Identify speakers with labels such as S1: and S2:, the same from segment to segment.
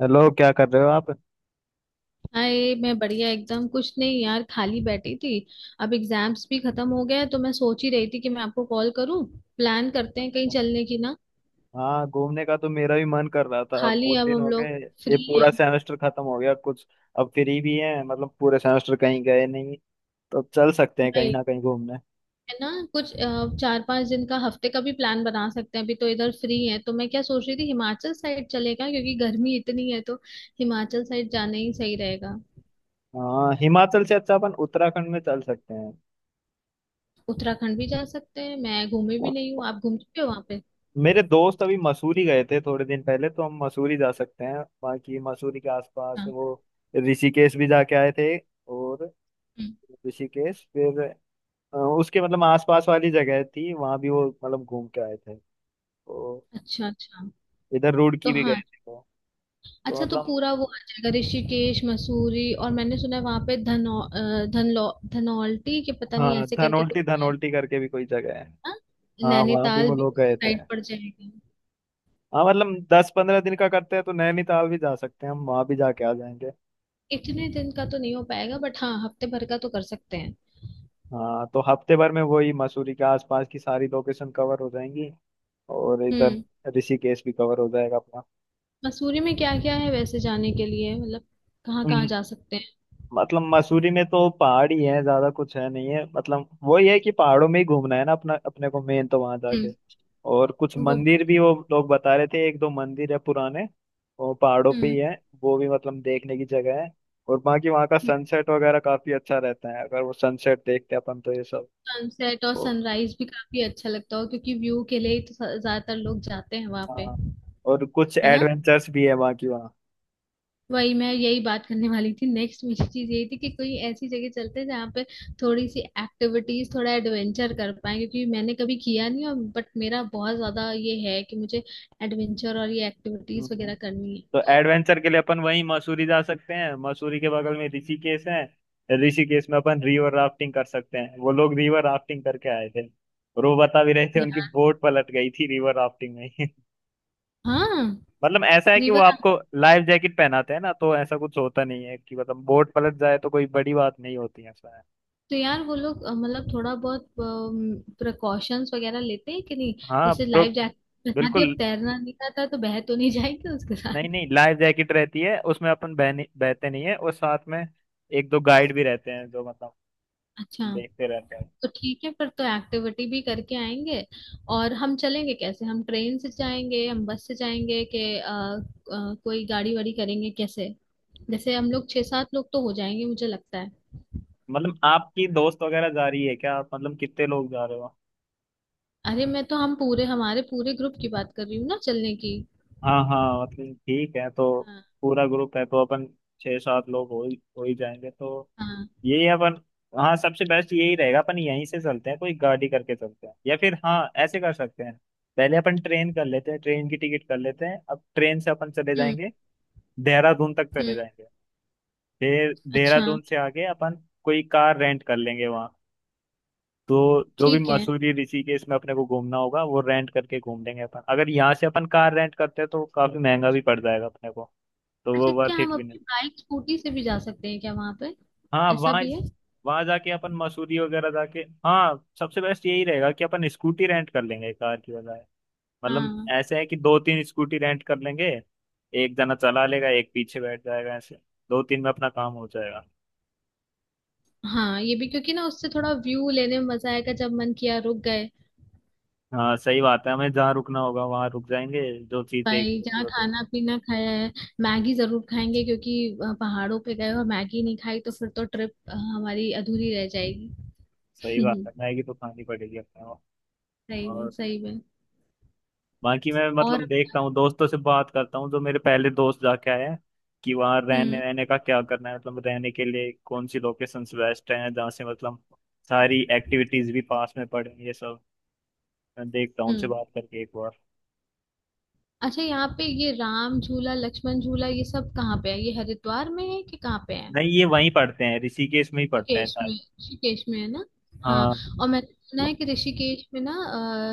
S1: Hello, क्या कर रहे हो आप।
S2: हाय, मैं बढ़िया। एकदम कुछ नहीं यार, खाली बैठी थी। अब एग्जाम्स भी खत्म हो गए हैं, तो मैं सोच ही रही थी कि मैं आपको कॉल करूं। प्लान करते हैं कहीं चलने की, ना?
S1: हाँ, घूमने का तो मेरा भी मन कर रहा था। अब
S2: खाली
S1: बहुत
S2: अब
S1: दिन
S2: हम
S1: हो गए।
S2: लोग
S1: ये
S2: फ्री
S1: पूरा
S2: हैं
S1: सेमेस्टर खत्म हो गया कुछ। अब फ्री भी है, मतलब पूरे सेमेस्टर कहीं गए नहीं। तो चल सकते हैं कहीं
S2: भाई।
S1: ना कहीं घूमने।
S2: है ना कुछ 4-5 दिन का, हफ्ते का भी प्लान बना सकते हैं। अभी तो इधर फ्री है, तो मैं क्या सोच रही थी, हिमाचल साइड चलेगा क्योंकि गर्मी इतनी है, तो हिमाचल साइड जाना ही सही रहेगा।
S1: हाँ, हिमाचल से अच्छा अपन उत्तराखंड में चल सकते हैं।
S2: उत्तराखंड भी जा सकते हैं। मैं घूमी भी नहीं हूँ, आप घूम चुके हो वहां पे।
S1: मेरे दोस्त अभी मसूरी गए थे थोड़े दिन पहले, तो हम मसूरी जा सकते हैं। बाकी मसूरी के आसपास
S2: हाँ।
S1: वो ऋषिकेश भी जाके आए थे। और
S2: हम्म।
S1: ऋषिकेश फिर उसके मतलब आसपास वाली जगह थी, वहां भी वो मतलब घूम के आए थे। तो
S2: अच्छा अच्छा।
S1: इधर
S2: तो
S1: रुड़की भी गए
S2: हाँ,
S1: थे वो। तो
S2: अच्छा तो
S1: मतलब।
S2: पूरा वो आ जाएगा, ऋषिकेश मसूरी। और मैंने सुना है वहां पे धनौ अ, धनलौ धनौल्टी के, पता नहीं,
S1: हाँ,
S2: ऐसे करके कुछ
S1: धनोल्टी
S2: है।
S1: धनोल्टी करके भी कोई जगह है।
S2: हाँ?
S1: हाँ, वहां भी
S2: नैनीताल
S1: वो
S2: भी
S1: लोग
S2: उसी
S1: गए थे।
S2: साइड पड़ जाएगा।
S1: हाँ, मतलब 10-15 दिन का करते हैं तो नैनीताल भी जा सकते हैं, हम वहां भी जाके आ जाएंगे।
S2: इतने दिन का तो नहीं हो पाएगा, बट हाँ, हफ्ते भर का तो कर सकते हैं।
S1: हाँ, तो हफ्ते भर में वही मसूरी के आसपास की सारी लोकेशन कवर हो जाएंगी। और इधर
S2: हम्म।
S1: ऋषिकेश भी कवर हो जाएगा अपना।
S2: मसूरी में क्या क्या है वैसे जाने के लिए, मतलब कहाँ कहाँ जा सकते हैं?
S1: मतलब मसूरी में तो पहाड़ ही है, ज्यादा कुछ है नहीं है। मतलब वही है कि पहाड़ों में ही घूमना है ना अपना, अपने को मेन, तो वहां जाके।
S2: हम्म।
S1: और कुछ
S2: वो बात
S1: मंदिर भी
S2: है।
S1: वो लोग बता रहे थे, एक दो मंदिर है पुराने। वो पहाड़ों पे ही
S2: हम्म।
S1: है, वो भी मतलब देखने की जगह है। और बाकी वहाँ का
S2: हम्म।
S1: सनसेट वगैरह काफी अच्छा रहता है, अगर वो सनसेट देखते हैं अपन तो ये सब।
S2: सनसेट और
S1: तो
S2: सनराइज भी काफी अच्छा लगता हो, क्योंकि व्यू के लिए ही तो ज्यादातर लोग जाते हैं वहां पे।
S1: हाँ। और कुछ
S2: है ना?
S1: एडवेंचर्स भी है बाकी वहाँ।
S2: वही मैं यही बात करने वाली थी, नेक्स्ट मेरी चीज यही थी कि कोई ऐसी जगह चलते हैं जहाँ पे थोड़ी सी एक्टिविटीज, थोड़ा एडवेंचर कर पाए, क्योंकि मैंने कभी किया नहीं, और बट मेरा बहुत ज्यादा ये है कि मुझे एडवेंचर और ये एक्टिविटीज
S1: हम्म। हम्म।
S2: वगैरह करनी है।
S1: तो
S2: तो
S1: एडवेंचर के लिए अपन वहीं मसूरी जा सकते हैं, मसूरी के बगल में ऋषिकेश है। ऋषिकेश में अपन रिवर राफ्टिंग कर सकते हैं, वो लोग रिवर राफ्टिंग करके आए थे। और वो बता भी रहे थे, उनकी
S2: यार,
S1: बोट पलट गई थी रिवर राफ्टिंग में ही।
S2: हाँ।
S1: मतलब ऐसा है कि वो
S2: रिवर।
S1: आपको लाइफ जैकेट पहनाते हैं ना, तो ऐसा कुछ होता नहीं है कि मतलब बोट पलट जाए तो कोई बड़ी बात नहीं होती है, ऐसा है।
S2: तो यार, वो लोग मतलब थोड़ा बहुत प्रिकॉशंस वगैरह लेते हैं कि नहीं?
S1: हाँ,
S2: जैसे
S1: प्रो
S2: लाइफ जैकेट बना दी, अब
S1: बिल्कुल।
S2: तैरना नहीं आता, तो बह तो नहीं जाएंगे उसके
S1: नहीं
S2: साथ।
S1: नहीं, लाइफ जैकेट रहती है उसमें। अपन बह नहीं- बहते नहीं है, और साथ में एक दो गाइड भी रहते हैं जो मतलब
S2: अच्छा।
S1: देखते रहते हैं।
S2: तो ठीक है, फिर तो एक्टिविटी भी करके आएंगे। और हम चलेंगे कैसे? हम ट्रेन से जाएंगे, हम बस से जाएंगे, कि कोई गाड़ी वाड़ी करेंगे कैसे? जैसे हम लोग छह सात लोग तो हो जाएंगे, मुझे लगता है।
S1: मतलब आपकी दोस्त वगैरह जा रही है क्या आप, मतलब कितने लोग जा रहे हो?
S2: अरे, मैं तो, हम पूरे, हमारे पूरे ग्रुप की बात कर रही हूँ ना चलने की।
S1: हाँ हाँ, मतलब ठीक है। तो
S2: हाँ
S1: पूरा ग्रुप है तो अपन 6-7 लोग हो ही जाएंगे। तो
S2: हाँ।
S1: यही अपन। हाँ, सबसे बेस्ट यही रहेगा। अपन यहीं से चलते हैं, कोई गाड़ी करके चलते हैं, या फिर हाँ ऐसे कर सकते हैं। पहले अपन ट्रेन कर लेते हैं, ट्रेन की टिकट कर लेते हैं। अब ट्रेन से अपन चले
S2: हम्म
S1: जाएंगे, देहरादून तक चले
S2: हम्म।
S1: जाएंगे। फिर
S2: अच्छा।
S1: देहरादून से आगे अपन कोई कार रेंट कर लेंगे वहाँ। तो जो भी
S2: ठीक है।
S1: मसूरी ऋषिकेश में अपने को घूमना होगा वो रेंट करके घूम लेंगे अपन। अगर यहाँ से अपन कार रेंट करते हैं तो काफी महंगा भी पड़ जाएगा अपने को, तो वो
S2: अच्छा, क्या
S1: वर्थ
S2: हम
S1: इट भी
S2: अपनी
S1: नहीं।
S2: बाइक स्कूटी से भी जा सकते हैं क्या वहां पे?
S1: हाँ,
S2: ऐसा
S1: वहाँ
S2: भी है?
S1: वहाँ जाके अपन मसूरी वगैरह जाके, हाँ सबसे बेस्ट यही रहेगा कि अपन स्कूटी रेंट कर लेंगे कार की बजाय। मतलब
S2: हाँ।
S1: ऐसे है कि 2-3 स्कूटी रेंट कर लेंगे, एक जना चला लेगा एक पीछे बैठ जाएगा, ऐसे 2-3 में अपना काम हो जाएगा।
S2: हाँ, ये भी, क्योंकि ना उससे थोड़ा व्यू लेने में मजा आएगा, जब मन किया रुक गए।
S1: हाँ सही बात है, हमें जहाँ रुकना होगा वहाँ रुक जाएंगे, जो चीज
S2: भाई,
S1: देखनी होगी
S2: जहाँ
S1: वो देख।
S2: खाना पीना खाया है, मैगी जरूर खाएंगे, क्योंकि पहाड़ों पे गए और मैगी नहीं खाई तो फिर तो ट्रिप हमारी अधूरी रह
S1: सही
S2: जाएगी।
S1: बात है, मैगी तो खानी पड़ेगी अपने।
S2: सही में,
S1: और
S2: सही में।
S1: बाकी मैं मतलब
S2: और।
S1: देखता हूँ, दोस्तों से बात करता हूँ जो मेरे पहले दोस्त जाके आए हैं, कि वहाँ रहने
S2: हम्म।
S1: रहने का क्या करना है। मतलब रहने के लिए कौन सी लोकेशंस बेस्ट हैं, जहाँ से मतलब सारी एक्टिविटीज भी पास में पड़े, ये सब। मैं देखता हूँ उनसे
S2: हम्म।
S1: बात करके एक बार।
S2: अच्छा, यहाँ पे ये राम झूला लक्ष्मण झूला, ये सब कहाँ पे है? ये हरिद्वार में है कि कहाँ पे है?
S1: नहीं, ये वहीं पढ़ते हैं, ऋषिकेश में ही पढ़ते हैं
S2: ऋषिकेश
S1: शायद।
S2: में? ऋषिकेश में है ना?
S1: हाँ
S2: हाँ। और मैंने सुना है कि ऋषिकेश में ना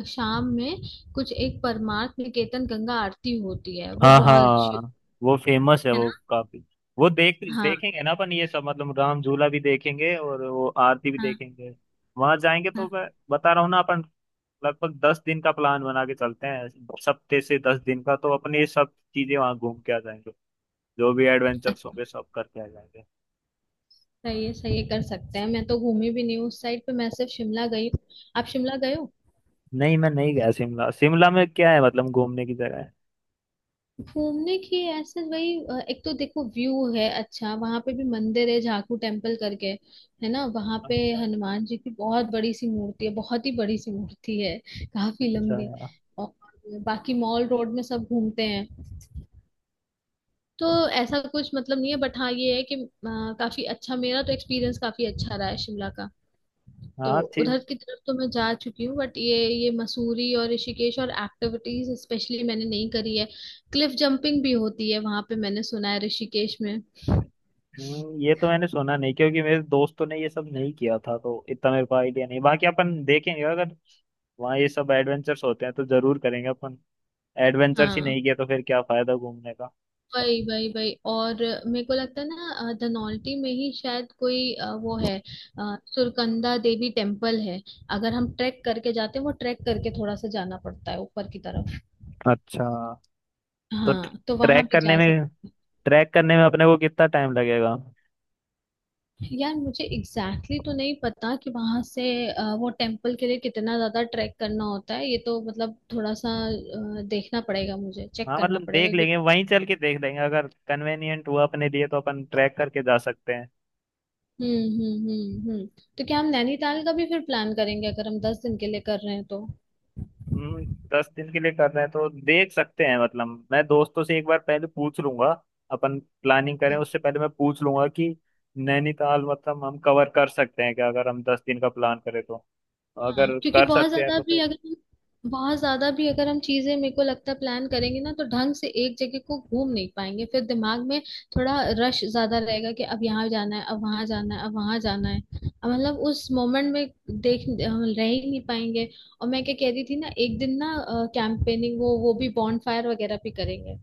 S2: शाम में कुछ एक परमार्थ निकेतन गंगा आरती होती है, वो
S1: हाँ।
S2: बहुत
S1: हाँ,
S2: अच्छी।
S1: वो फेमस है
S2: है
S1: वो
S2: ना?
S1: काफी। वो
S2: हाँ
S1: देखेंगे ना अपन ये सब, मतलब राम झूला भी देखेंगे और वो आरती भी
S2: हाँ।
S1: देखेंगे। वहां जाएंगे तो
S2: हाँ।
S1: मैं बता रहा हूँ ना अपन, लगभग 10 दिन का प्लान बना के चलते हैं। सप्ते से 10 दिन का तो अपन ये सब चीजें वहां घूम के आ जाएंगे, जो भी एडवेंचर्स होंगे सब करके आ जाएंगे।
S2: सही है, सही है, कर सकते हैं। मैं तो घूमी भी नहीं हूँ उस साइड पे, मैं सिर्फ शिमला गई हूँ। आप शिमला गए हो?
S1: नहीं, मैं नहीं गया शिमला। शिमला में क्या है, मतलब घूमने की जगह है?
S2: घूमने की ऐसे, वही एक तो देखो व्यू है अच्छा, वहां पे भी मंदिर है, झाकू टेम्पल करके। है ना वहां पे?
S1: अच्छा
S2: हनुमान जी की बहुत बड़ी सी मूर्ति है, बहुत ही बड़ी सी मूर्ति है, काफी
S1: अच्छा।
S2: लंबी। और बाकी मॉल रोड में सब घूमते हैं, तो ऐसा कुछ मतलब नहीं है, बट हाँ, ये है कि काफी अच्छा, मेरा तो एक्सपीरियंस काफी अच्छा रहा है शिमला का। तो
S1: हाँ।
S2: उधर की तरफ तो मैं जा चुकी हूँ, बट ये मसूरी और ऋषिकेश और एक्टिविटीज स्पेशली मैंने नहीं करी है। क्लिफ जंपिंग भी होती है वहां पे, मैंने सुना है ऋषिकेश में।
S1: ये तो मैंने सुना नहीं, क्योंकि मेरे दोस्तों ने ये सब नहीं किया था तो इतना मेरे को आइडिया नहीं। बाकी अपन देखेंगे, अगर वहाँ ये सब एडवेंचर्स होते हैं तो जरूर करेंगे अपन। एडवेंचर्स ही
S2: हाँ।
S1: नहीं किया तो फिर क्या फायदा घूमने का।
S2: वही वही वही। और मेरे को लगता है ना धनौल्टी में ही शायद कोई वो है सुरकंदा देवी टेम्पल है, अगर हम ट्रैक करके जाते हैं, वो ट्रैक करके थोड़ा सा जाना पड़ता है ऊपर की तरफ।
S1: अच्छा, तो
S2: हाँ, तो वहां भी जा।
S1: ट्रैक करने में अपने को कितना टाइम लगेगा?
S2: यार, मुझे एग्जैक्टली तो नहीं पता कि वहां से वो टेम्पल के लिए कितना ज्यादा ट्रैक करना होता है, ये तो मतलब थोड़ा सा देखना पड़ेगा, मुझे चेक
S1: हाँ,
S2: करना
S1: मतलब देख
S2: पड़ेगा
S1: लेंगे, वहीं चल के देख लेंगे। अगर कन्वेनियंट हुआ अपने लिए तो अपन ट्रैक करके जा सकते हैं।
S2: हम्म। तो क्या हम नैनीताल का भी फिर प्लान करेंगे, अगर हम 10 दिन के लिए कर रहे हैं तो?
S1: हम्म। 10 दिन के लिए कर रहे हैं तो देख सकते हैं। मतलब मैं दोस्तों से एक बार पहले पूछ लूंगा, अपन प्लानिंग करें उससे पहले मैं पूछ लूंगा कि नैनीताल मतलब हम कवर कर सकते हैं क्या, अगर हम 10 दिन का प्लान करें तो?
S2: हाँ,
S1: अगर
S2: क्योंकि
S1: कर सकते हैं तो फिर।
S2: बहुत ज्यादा भी अगर हम चीजें, मेरे को लगता है, प्लान करेंगे ना तो ढंग से एक जगह को घूम नहीं पाएंगे। फिर दिमाग में थोड़ा रश ज्यादा रहेगा, कि अब यहाँ जाना है, अब वहां जाना है, अब वहां जाना है, अब मतलब उस मोमेंट में देख हम रह ही नहीं पाएंगे। और मैं क्या कह रही थी ना, एक दिन ना कैंपेनिंग, वो भी बॉनफायर वगैरह भी करेंगे।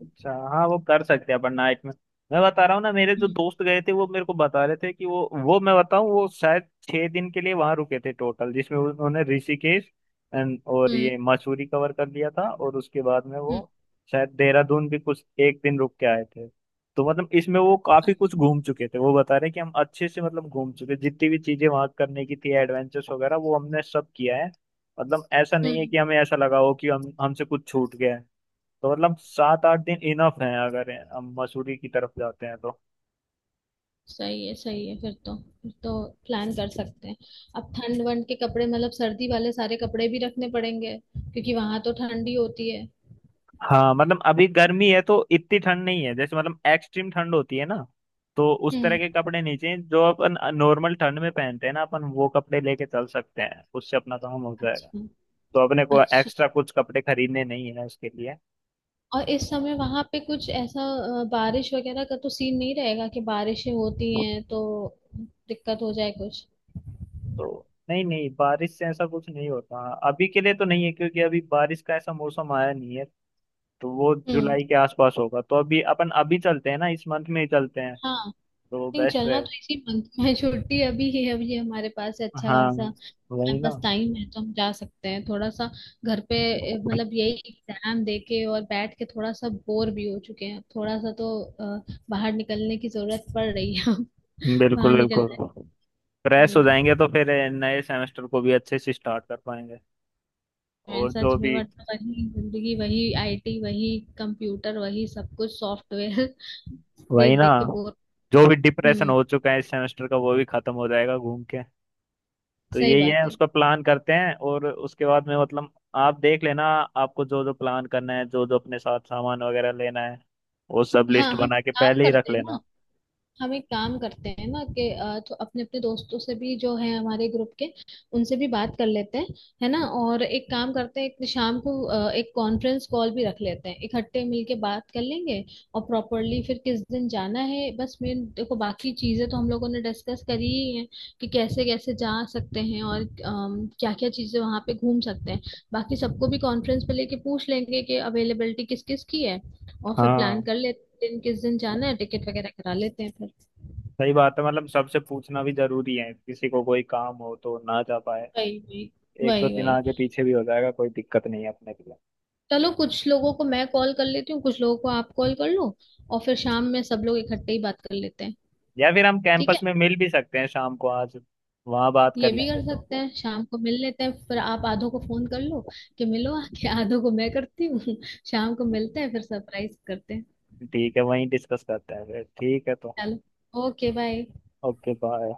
S1: अच्छा हाँ, वो कर सकते हैं अपन नाइट में। मैं बता रहा हूँ ना, मेरे जो
S2: हम्म
S1: दोस्त गए थे वो मेरे को बता रहे थे कि वो मैं बताऊँ, वो शायद 6 दिन के लिए वहां रुके थे टोटल, जिसमें उन्होंने ऋषिकेश और
S2: हम्म
S1: ये मसूरी कवर कर लिया था। और उसके बाद में वो
S2: हम्म
S1: शायद देहरादून भी कुछ एक दिन रुक के आए थे। तो मतलब इसमें वो काफी कुछ घूम चुके थे। वो बता रहे कि हम अच्छे से मतलब घूम चुके, जितनी भी चीजें वहां करने की थी एडवेंचर्स वगैरह वो हमने सब किया है। मतलब ऐसा नहीं है
S2: हम्म।
S1: कि हमें ऐसा लगा हो कि हम हमसे कुछ छूट गया है। तो मतलब 7-8 दिन इनफ है, अगर हम मसूरी की तरफ जाते हैं तो।
S2: सही है, सही है, फिर तो प्लान कर सकते हैं। अब ठंड वंड के कपड़े, मतलब सर्दी वाले सारे कपड़े भी रखने पड़ेंगे क्योंकि वहां तो ठंड ही होती है।
S1: हाँ, मतलब अभी गर्मी है तो इतनी ठंड नहीं है, जैसे मतलब एक्सट्रीम ठंड होती है ना, तो उस तरह
S2: हम्म।
S1: के कपड़े नहीं चाहिए। जो अपन नॉर्मल ठंड में पहनते हैं ना, अपन वो कपड़े लेके चल सकते हैं, उससे अपना काम हो जाएगा।
S2: अच्छा।
S1: तो अपने को
S2: अच्छा,
S1: एक्स्ट्रा कुछ कपड़े खरीदने नहीं है उसके लिए।
S2: और इस समय वहां पे कुछ ऐसा बारिश वगैरह का तो सीन नहीं रहेगा कि बारिशें होती हैं तो दिक्कत हो जाए कुछ?
S1: तो नहीं नहीं, बारिश से ऐसा कुछ नहीं होता। अभी के लिए तो नहीं है, क्योंकि अभी बारिश का ऐसा मौसम आया नहीं है। तो वो
S2: हम्म।
S1: जुलाई के आसपास होगा, तो अभी अपन, अभी चलते हैं ना, इस मंथ में ही चलते हैं,
S2: हाँ,
S1: तो वो
S2: नहीं,
S1: बेस्ट
S2: चलना तो
S1: रहेगा।
S2: इसी मंथ में है, छुट्टी अभी है, अभी हमारे पास है अच्छा
S1: हाँ
S2: खासा,
S1: वही
S2: हमारे
S1: ना।
S2: पास टाइम है तो हम जा सकते हैं। थोड़ा सा घर पे मतलब यही एग्जाम दे के और बैठ के थोड़ा सा बोर भी हो चुके हैं, थोड़ा सा तो बाहर निकलने की जरूरत पड़ रही है। बाहर
S1: बिल्कुल बिल्कुल।
S2: निकलना है।
S1: फ्रेश हो
S2: हम्म।
S1: जाएंगे तो फिर नए सेमेस्टर को भी अच्छे से स्टार्ट कर पाएंगे।
S2: मैं
S1: और
S2: सच
S1: जो
S2: में,
S1: भी
S2: वरना वही जिंदगी, वही आईटी, वही कंप्यूटर, वही सब कुछ, सॉफ्टवेयर
S1: वही
S2: देख
S1: ना,
S2: देख के बोर।
S1: जो भी डिप्रेशन
S2: हम्म।
S1: हो चुका है इस सेमेस्टर का वो भी खत्म हो जाएगा घूम के। तो
S2: सही
S1: यही
S2: बात
S1: है,
S2: है।
S1: उसका प्लान करते हैं, और उसके बाद में मतलब आप देख लेना। आपको जो जो प्लान करना है, जो जो अपने साथ सामान वगैरह लेना है, वो सब लिस्ट
S2: हाँ,
S1: बना के पहले ही रख लेना।
S2: हम एक काम करते हैं ना कि तो अपने अपने दोस्तों से भी जो है, हमारे ग्रुप के, उनसे भी बात कर लेते हैं। है ना? और एक काम करते हैं, एक शाम को एक कॉन्फ्रेंस कॉल भी रख लेते हैं, इकट्ठे मिलके बात कर लेंगे। और प्रॉपरली फिर किस दिन जाना है, बस मेन देखो, बाकी चीजें तो हम लोगों ने डिस्कस करी ही है, कि कैसे कैसे जा सकते हैं और क्या क्या चीजें वहां पे घूम सकते हैं। बाकी सबको भी कॉन्फ्रेंस पे लेके पूछ लेंगे कि अवेलेबिलिटी किस किस की है, और फिर प्लान
S1: हाँ
S2: कर लेते हैं दिन, किस दिन जाना है, टिकट वगैरह करा लेते हैं फिर।
S1: सही बात है, मतलब सबसे पूछना भी जरूरी है, किसी को कोई काम हो तो ना जा पाए।
S2: वही वही
S1: एक दो
S2: वही
S1: दिन आगे
S2: वही।
S1: पीछे भी हो जाएगा, कोई दिक्कत नहीं है अपने के लिए।
S2: चलो, कुछ लोगों को मैं कॉल कर लेती हूँ, कुछ लोगों को आप कॉल कर लो, और फिर शाम में सब लोग इकट्ठे ही बात कर लेते हैं।
S1: या फिर हम
S2: ठीक
S1: कैंपस
S2: है,
S1: में मिल भी सकते हैं शाम को आज, वहां बात कर
S2: ये भी
S1: लेंगे
S2: कर
S1: तो।
S2: सकते हैं, शाम को मिल लेते हैं फिर, आप आधों को फोन कर लो कि मिलो आके, आधों को मैं करती हूँ। शाम को मिलते हैं फिर, सरप्राइज करते हैं।
S1: ठीक है, वहीं डिस्कस करते हैं फिर। ठीक है तो
S2: चलो, ओके बाय।
S1: Okay bye.